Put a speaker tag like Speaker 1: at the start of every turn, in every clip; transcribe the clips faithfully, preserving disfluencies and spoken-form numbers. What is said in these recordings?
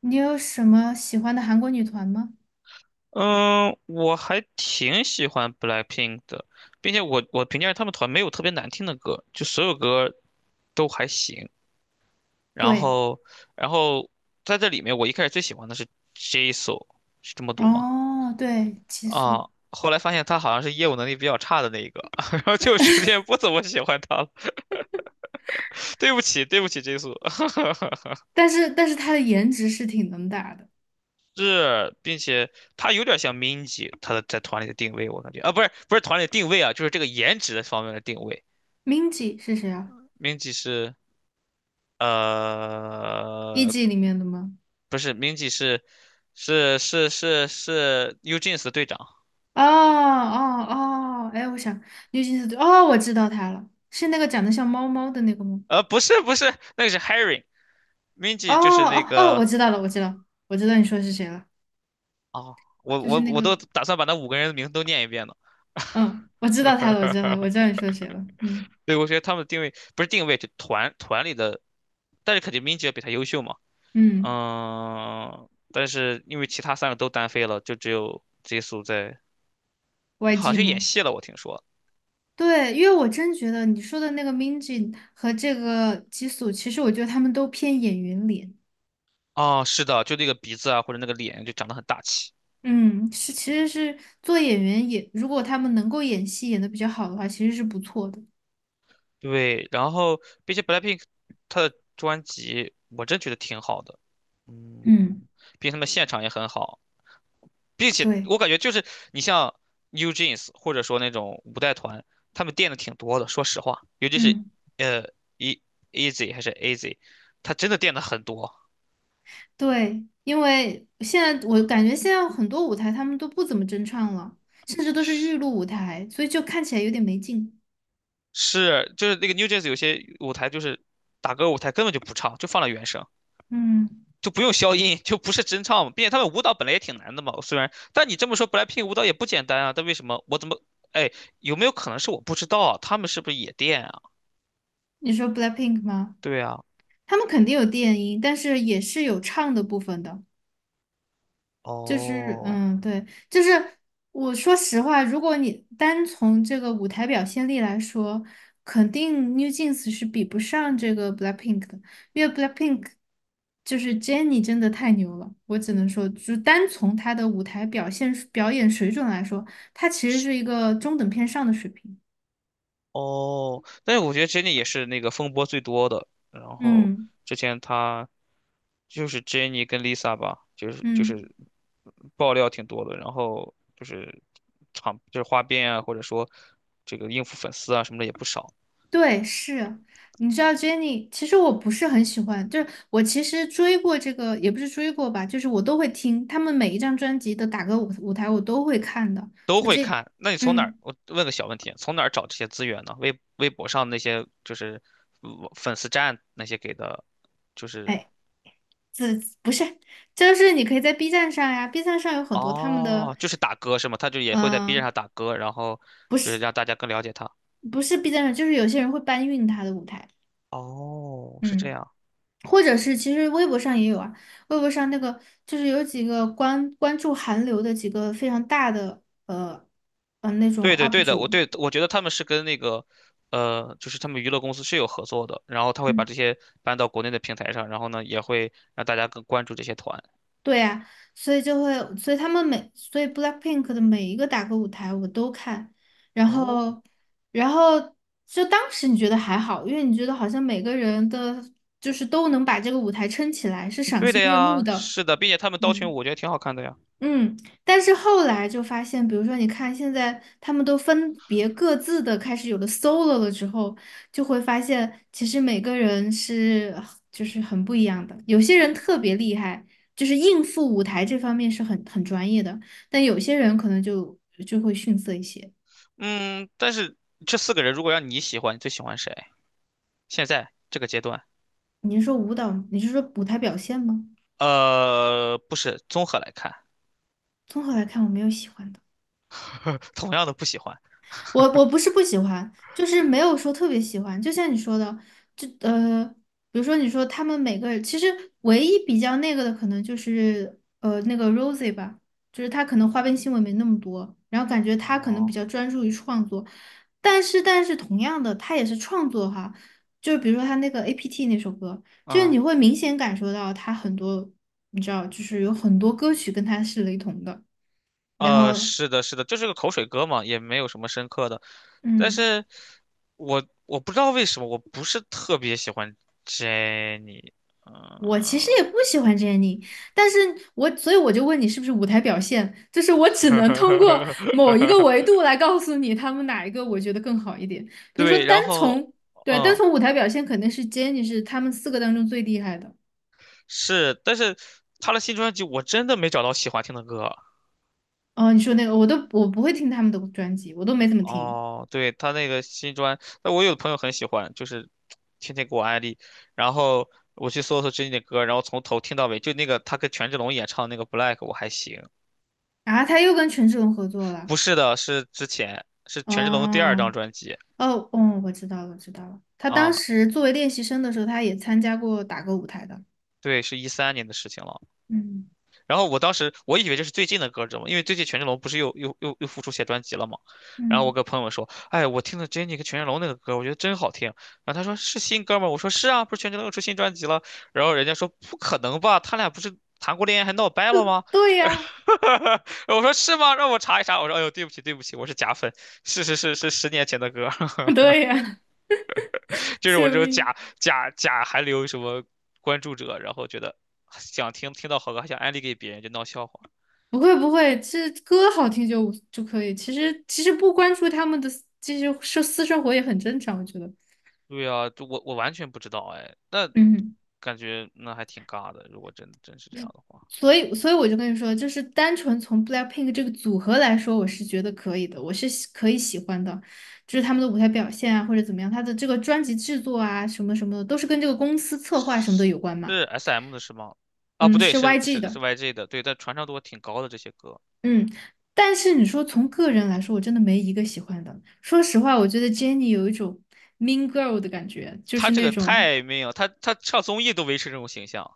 Speaker 1: 你有什么喜欢的韩国女团吗？
Speaker 2: 嗯，我还挺喜欢 BLACKPINK 的，并且我我评价他们团没有特别难听的歌，就所有歌都还行。然
Speaker 1: 对，
Speaker 2: 后，然后在这里面，我一开始最喜欢的是 Jisoo，是这么读吗？
Speaker 1: 哦，对，激素，
Speaker 2: 啊，后来发现他好像是业务能力比较差的那一个，然后就逐渐不怎么喜欢他了。对不起，对不起，Jisoo。
Speaker 1: 但是但是她的颜值是挺能打的。
Speaker 2: 是，并且他有点像 Minji，他的在团里的定位，我感觉啊，不是不是团里的定位啊，就是这个颜值的方面的定位。
Speaker 1: Minji 是谁啊
Speaker 2: Minji 是。呃，
Speaker 1: ？E.G 里面的吗？
Speaker 2: 不是 Mingy 是是是是是 Ujins 的队长，
Speaker 1: 哦哦哦，哎，我想 n e w j， 哦，我知道她了，是那个长得像猫猫的那个吗？
Speaker 2: 呃，不是不是，那个是 Harry。
Speaker 1: 哦
Speaker 2: Mingy 就是那
Speaker 1: 哦哦，
Speaker 2: 个
Speaker 1: 我知道了，我知道，我知道你说是谁了，
Speaker 2: 哦，我
Speaker 1: 就是
Speaker 2: 我
Speaker 1: 那
Speaker 2: 我都
Speaker 1: 个，
Speaker 2: 打算把那五个人的名字都念一遍呢。
Speaker 1: 嗯，我知道她了，我知道她了我 知道你说谁了，嗯
Speaker 2: 对，我觉得他们的定位不是定位，就团团里的，但是肯定 Mingy 要比他优秀嘛。
Speaker 1: 嗯
Speaker 2: 嗯，但是因为其他三个都单飞了，就只有 Jisoo 在，好
Speaker 1: ，Y G
Speaker 2: 像去演
Speaker 1: 吗？
Speaker 2: 戏了，我听说。
Speaker 1: 对，因为我真觉得你说的那个 Minji 和这个吉素，其实我觉得他们都偏演员脸。
Speaker 2: 哦，是的，就那个鼻子啊，或者那个脸就长得很大气。
Speaker 1: 嗯，是，其实是做演员也，如果他们能够演戏演得比较好的话，其实是不错的。
Speaker 2: 对，然后并且 BLACKPINK 他的专辑我真觉得挺好的，
Speaker 1: 嗯，
Speaker 2: 嗯，并且他们现场也很好，并且
Speaker 1: 对，
Speaker 2: 我感觉就是你像 New Jeans 或者说那种五代团，他们垫的挺多的，说实话，尤其是
Speaker 1: 嗯，
Speaker 2: 呃 E Easy 还是 A Z，他真的垫的很多，
Speaker 1: 对，因为现在我感觉现在很多舞台他们都不怎么真唱了，甚至都是预
Speaker 2: 是
Speaker 1: 录舞台，所以就看起来有点没劲。
Speaker 2: 是就是那个 New Jeans 有些舞台就是打歌舞台根本就不唱，就放了原声。
Speaker 1: 嗯，
Speaker 2: 就不用消音，就不是真唱嘛。并且他们舞蹈本来也挺难的嘛，虽然，但你这么说，BLACKPINK 舞蹈也不简单啊。但为什么我怎么，哎，有没有可能是我不知道啊？他们是不是也电啊？
Speaker 1: 你说 BLACKPINK 吗？
Speaker 2: 对啊，
Speaker 1: 他们肯定有电音，但是也是有唱的部分的。就是
Speaker 2: 哦
Speaker 1: 嗯，对，就是我说实话，如果你单从这个舞台表现力来说，肯定 New Jeans 是比不上这个 BLACKPINK 的，因为 BLACKPINK 就是 Jennie 真的太牛了，我只能说，就单从她的舞台表现表演水准来说，她其实是一个中等偏上的水平。
Speaker 2: 哦，但是我觉得 Jennie 也是那个风波最多的。然后
Speaker 1: 嗯
Speaker 2: 之前他就是 Jennie 跟 Lisa 吧，就是就
Speaker 1: 嗯。
Speaker 2: 是爆料挺多的，然后就是场就是花边啊，或者说这个应付粉丝啊什么的也不少。
Speaker 1: 对，是，你知道 Jenny，其实我不是很喜欢，就是我其实追过这个，也不是追过吧，就是我都会听他们每一张专辑的打歌舞舞台，我都会看的。
Speaker 2: 都
Speaker 1: 就
Speaker 2: 会
Speaker 1: 这，
Speaker 2: 看。那你从哪儿？
Speaker 1: 嗯，
Speaker 2: 我问个小问题，从哪儿找这些资源呢？微微博上那些就是呃粉丝站那些给的，就是
Speaker 1: 哎，这不是，就是你可以在 B 站上呀，B 站上有很多他们的，
Speaker 2: 哦，就是打歌是吗？他就也会在 B 站
Speaker 1: 嗯，
Speaker 2: 上打歌，然后就是让大家更了解他。
Speaker 1: 不是 B 站上，就是有些人会搬运他的舞台，
Speaker 2: 哦，是这
Speaker 1: 嗯。
Speaker 2: 样。
Speaker 1: 或者是其实微博上也有啊，微博上那个就是有几个关关注韩流的几个非常大的呃呃那种
Speaker 2: 对对
Speaker 1: U P
Speaker 2: 对的，我
Speaker 1: 主，
Speaker 2: 对我觉得他们是跟那个，呃，就是他们娱乐公司是有合作的，然后他会把
Speaker 1: 嗯，
Speaker 2: 这些搬到国内的平台上，然后呢，也会让大家更关注这些团。
Speaker 1: 对啊，所以就会，所以他们每，所以 BLACKPINK 的每一个打歌舞台我都看，然
Speaker 2: 哦，
Speaker 1: 后然后就当时你觉得还好，因为你觉得好像每个人的就是都能把这个舞台撑起来，是赏
Speaker 2: 对
Speaker 1: 心
Speaker 2: 的
Speaker 1: 悦目
Speaker 2: 呀，
Speaker 1: 的，
Speaker 2: 是的，并且他们刀群舞
Speaker 1: 嗯。
Speaker 2: 我觉得挺好看的呀。
Speaker 1: 嗯，但是后来就发现，比如说，你看现在他们都分别各自的开始有了 solo 了之后，就会发现其实每个人是就是很不一样的。有些人特别厉害，就是应付舞台这方面是很很专业的，但有些人可能就就会逊色一些。
Speaker 2: 嗯，但是这四个人如果让你喜欢，你最喜欢谁？现在这个阶段，
Speaker 1: 你是说舞蹈，你是说舞台表现吗？
Speaker 2: 呃，不是综合来看，
Speaker 1: 综合来看，我没有喜欢的。
Speaker 2: 同样的不喜欢。
Speaker 1: 我我不是不喜欢，就是没有说特别喜欢。就像你说的，就呃，比如说你说他们每个人，其实唯一比较那个的，可能就是呃那个 Rosie 吧，就是他可能花边新闻没那么多，然后感觉他可能比
Speaker 2: 哦，
Speaker 1: 较专注于创作。但是但是同样的，他也是创作哈，就是比如说他那个 A P T 那首歌，就是
Speaker 2: 嗯，
Speaker 1: 你会明显感受到他很多，你知道，就是有很多歌曲跟他是雷同的，然
Speaker 2: 呃，
Speaker 1: 后
Speaker 2: 是的，是的，就是个口水歌嘛，也没有什么深刻的。但
Speaker 1: 嗯。
Speaker 2: 是我我不知道为什么，我不是特别喜欢 Jenny。
Speaker 1: 我其实也
Speaker 2: 嗯，
Speaker 1: 不喜欢 Jennie，但是我所以我就问你是不是舞台表现，就是我只能通过某一个维度 来告诉你他们哪一个我觉得更好一点。比如说
Speaker 2: 对，
Speaker 1: 单
Speaker 2: 然后，
Speaker 1: 从对单
Speaker 2: 嗯，
Speaker 1: 从舞台表现肯定是 Jennie 是他们四个当中最厉害的。
Speaker 2: 是，但是他的新专辑我真的没找到喜欢听的歌。
Speaker 1: 哦，你说那个我都我不会听他们的专辑，我都没怎么听
Speaker 2: 哦，对，他那个新专，那我有的朋友很喜欢，就是天天给我安利，然后我去搜搜最近的歌，然后从头听到尾，就那个他跟权志龙演唱那个《Black》，我还行。
Speaker 1: 啊。他又跟权志龙合作了。
Speaker 2: 不是的，是之前，是权志龙的第二张
Speaker 1: 哦
Speaker 2: 专辑
Speaker 1: 哦哦，我知道了，我知道了。他当
Speaker 2: 啊，
Speaker 1: 时作为练习生的时候，他也参加过打歌舞台的。
Speaker 2: 对，是一三年的事情了。
Speaker 1: 嗯
Speaker 2: 然后我当时我以为这是最近的歌，知道吗？因为最近权志龙不是又又又又复出写专辑了嘛。然后我
Speaker 1: 嗯，
Speaker 2: 跟朋友们说，哎，我听了 Jennie 跟权志龙那个歌，我觉得真好听。然后他说是新歌吗？我说是啊，不是权志龙又出新专辑了。然后人家说不可能吧，他俩不是谈过恋爱还闹掰了吗？
Speaker 1: 对呀，
Speaker 2: 我说是吗？让我查一查。我说哎呦，对不起对不起，我是假粉，是是是是十年前的歌，
Speaker 1: 对呀，
Speaker 2: 就是我
Speaker 1: 救
Speaker 2: 这种
Speaker 1: 命！
Speaker 2: 假假假还留什么关注者，然后觉得想听听到好歌还想安利给别人，就闹笑话。
Speaker 1: 不会不会，这歌好听就就可以。其实其实不关注他们的私这些私私生活也很正常，我觉得。
Speaker 2: 对呀，就我我完全不知道哎，那
Speaker 1: 嗯，
Speaker 2: 感觉那还挺尬的，如果真真是这样的话，
Speaker 1: 所以所以我就跟你说，就是单纯从 BLACKPINK 这个组合来说，我是觉得可以的，我是喜可以喜欢的，就是他们的舞台表现啊，或者怎么样，他的这个专辑制作啊，什么什么的，都是跟这个公司策划什么的有关嘛。
Speaker 2: 是 S M 的是吗？啊，
Speaker 1: 嗯，
Speaker 2: 不对，
Speaker 1: 是
Speaker 2: 是
Speaker 1: Y G
Speaker 2: 是
Speaker 1: 的。
Speaker 2: 是 Y G 的，对，但传唱度挺高的这些歌，
Speaker 1: 嗯，但是你说从个人来说，我真的没一个喜欢的。说实话，我觉得 Jennie 有一种 mean girl 的感觉，就
Speaker 2: 他
Speaker 1: 是
Speaker 2: 这
Speaker 1: 那
Speaker 2: 个
Speaker 1: 种
Speaker 2: 太没有，他他上综艺都维持这种形象，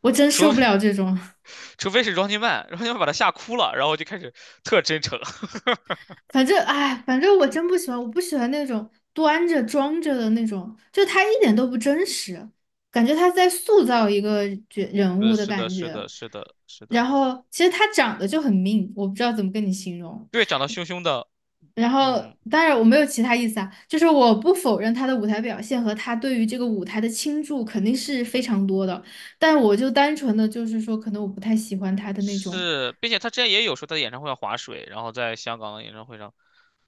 Speaker 1: 我真
Speaker 2: 除
Speaker 1: 受
Speaker 2: 非
Speaker 1: 不了这种。
Speaker 2: 除非是 Running Man，Running Man 把他吓哭了，然后就开始特真诚，
Speaker 1: 反正哎，反正我真不喜欢，我不喜欢那种端着装着的那种，就他一点都不真实，感觉他在塑造一个角人
Speaker 2: 是
Speaker 1: 物的
Speaker 2: 是的
Speaker 1: 感
Speaker 2: 是
Speaker 1: 觉。
Speaker 2: 的是的是
Speaker 1: 然
Speaker 2: 的，
Speaker 1: 后其实他长得就很命，我不知道怎么跟你形容。
Speaker 2: 对，长得凶凶的，
Speaker 1: 然后，
Speaker 2: 嗯，
Speaker 1: 当然我没有其他意思啊，就是我不否认他的舞台表现和他对于这个舞台的倾注肯定是非常多的，但我就单纯的就是说，可能我不太喜欢他的那种，
Speaker 2: 是，并且他之前也有说他的演唱会要划水，然后在香港的演唱会上。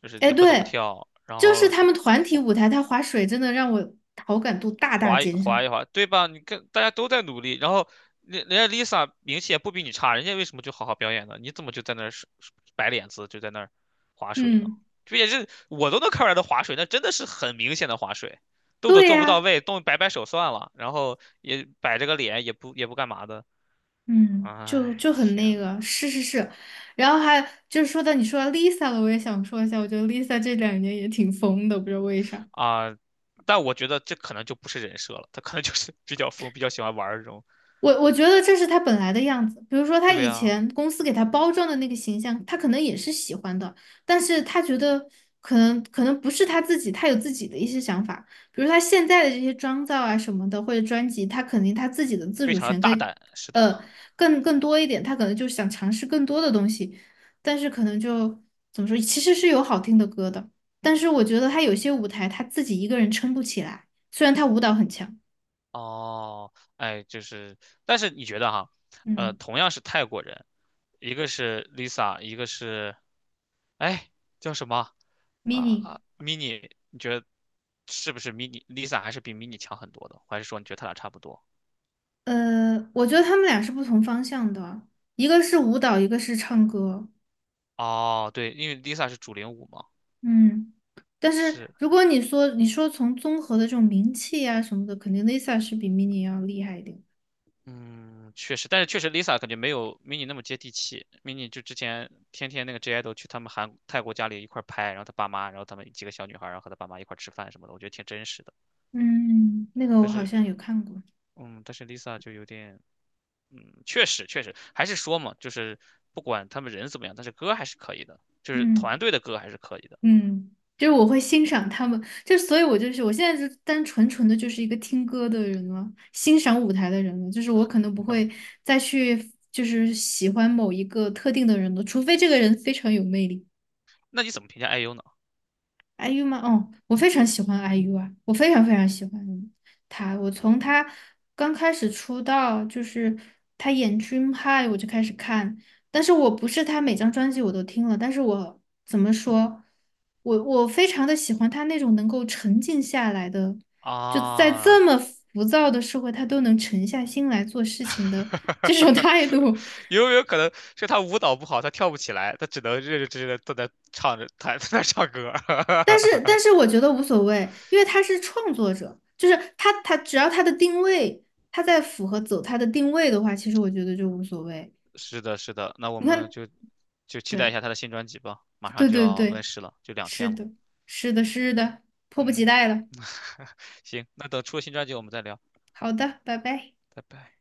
Speaker 2: 就是
Speaker 1: 哎，
Speaker 2: 也不怎么
Speaker 1: 对，
Speaker 2: 跳，然
Speaker 1: 就是
Speaker 2: 后
Speaker 1: 他
Speaker 2: 就
Speaker 1: 们团体舞台，他划水真的让我好感度大大
Speaker 2: 划一
Speaker 1: 减少。
Speaker 2: 划一划，对吧？你看大家都在努力，然后人人家 Lisa 名气也不比你差，人家为什么就好好表演呢？你怎么就在那儿是摆脸子，就在那儿划水呢？
Speaker 1: 嗯，
Speaker 2: 这也是我都能看出来的划水，那真的是很明显的划水，动作
Speaker 1: 对
Speaker 2: 做不到
Speaker 1: 呀，
Speaker 2: 位，动摆摆手算了，然后也摆着个脸，也不也不干嘛的。
Speaker 1: 嗯，就
Speaker 2: 哎，
Speaker 1: 就很
Speaker 2: 天
Speaker 1: 那
Speaker 2: 呐，
Speaker 1: 个，是是是，然后还就是说到你说到 Lisa 了，我也想说一下，我觉得 Lisa 这两年也挺疯的，不知道为啥。
Speaker 2: 啊！但我觉得这可能就不是人设了，他可能就是比较疯，比较喜欢玩儿这种，
Speaker 1: 我我觉得这是他本来的样子。比如说，他
Speaker 2: 对
Speaker 1: 以
Speaker 2: 啊，
Speaker 1: 前公司给他包装的那个形象，他可能也是喜欢的，但是他觉得可能可能不是他自己，他有自己的一些想法。比如他现在的这些妆造啊什么的，或者专辑，他肯定他自己的自
Speaker 2: 非
Speaker 1: 主
Speaker 2: 常的
Speaker 1: 权
Speaker 2: 大
Speaker 1: 更
Speaker 2: 胆，是的。
Speaker 1: 呃更更多一点，他可能就想尝试更多的东西，但是可能就怎么说，其实是有好听的歌的，但是我觉得他有些舞台他自己一个人撑不起来，虽然他舞蹈很强。
Speaker 2: 哦，哎，就是，但是你觉得哈，呃，
Speaker 1: 嗯
Speaker 2: 同样是泰国人，一个是 Lisa，一个是，哎，叫什么啊
Speaker 1: ，mini。
Speaker 2: 啊，Mini，你觉得是不是 Mini？Lisa 还是比 Mini 强很多的，还是说你觉得他俩差不多？
Speaker 1: 呃，我觉得他们俩是不同方向的，一个是舞蹈，一个是唱歌。
Speaker 2: 哦，对，因为 Lisa 是主领舞嘛，
Speaker 1: 嗯，但是
Speaker 2: 是，
Speaker 1: 如果你说你说从综合的这种名气啊什么的，肯定 Lisa 是比 Mini 要厉害一点。
Speaker 2: 嗯，确实，但是确实 Lisa 感觉没有 Mini 那么接地气，Mini 就之前天天那个 J idol 去他们韩泰国家里一块儿拍，然后他爸妈，然后他们几个小女孩儿，然后和他爸妈一块儿吃饭什么的，我觉得挺真实的。
Speaker 1: 嗯，那个我
Speaker 2: 但
Speaker 1: 好
Speaker 2: 是，
Speaker 1: 像有看过。
Speaker 2: 嗯，但是 Lisa 就有点，嗯，确实确实，还是说嘛，就是不管他们人怎么样，但是歌还是可以的，就是团
Speaker 1: 嗯
Speaker 2: 队的歌还是可以的。
Speaker 1: 嗯，就是我会欣赏他们，就所以我就是我现在就单纯纯的就是一个听歌的人了，欣赏舞台的人了，就是我可能不会再去就是喜欢某一个特定的人了，除非这个人非常有魅力。
Speaker 2: 那你怎么评价 I U 呢？
Speaker 1: I U 吗？哦，我非常喜欢 I U 啊，我非常非常喜欢他。我从他刚开始出道，就是他演《Dream High》，我就开始看。但是我不是他每张专辑我都听了，但是我怎么说，我我非常的喜欢他那种能够沉静下来的，就在
Speaker 2: 啊，
Speaker 1: 这么浮躁的社会，他都能沉下心来做事情的这种 态度，
Speaker 2: 有没有可能是他舞蹈不好，他跳不起来，他只能认认真真的坐在唱着，他 在那唱歌。
Speaker 1: 但是，但是 我觉得无所谓，因为他是创作者，就是他，他只要他的定位，他在符合走他的定位的话，其实我觉得就无所谓。
Speaker 2: 是的，是的，那我
Speaker 1: 你
Speaker 2: 们
Speaker 1: 看，
Speaker 2: 就就期待一
Speaker 1: 对，
Speaker 2: 下他的新专辑吧，马上
Speaker 1: 对
Speaker 2: 就
Speaker 1: 对
Speaker 2: 要问
Speaker 1: 对，
Speaker 2: 世了，就两
Speaker 1: 是
Speaker 2: 天了。
Speaker 1: 的，是的，是的，迫不及
Speaker 2: 嗯，
Speaker 1: 待了。
Speaker 2: 行，那等出了新专辑我们再聊。
Speaker 1: 好的，拜拜。
Speaker 2: 拜拜。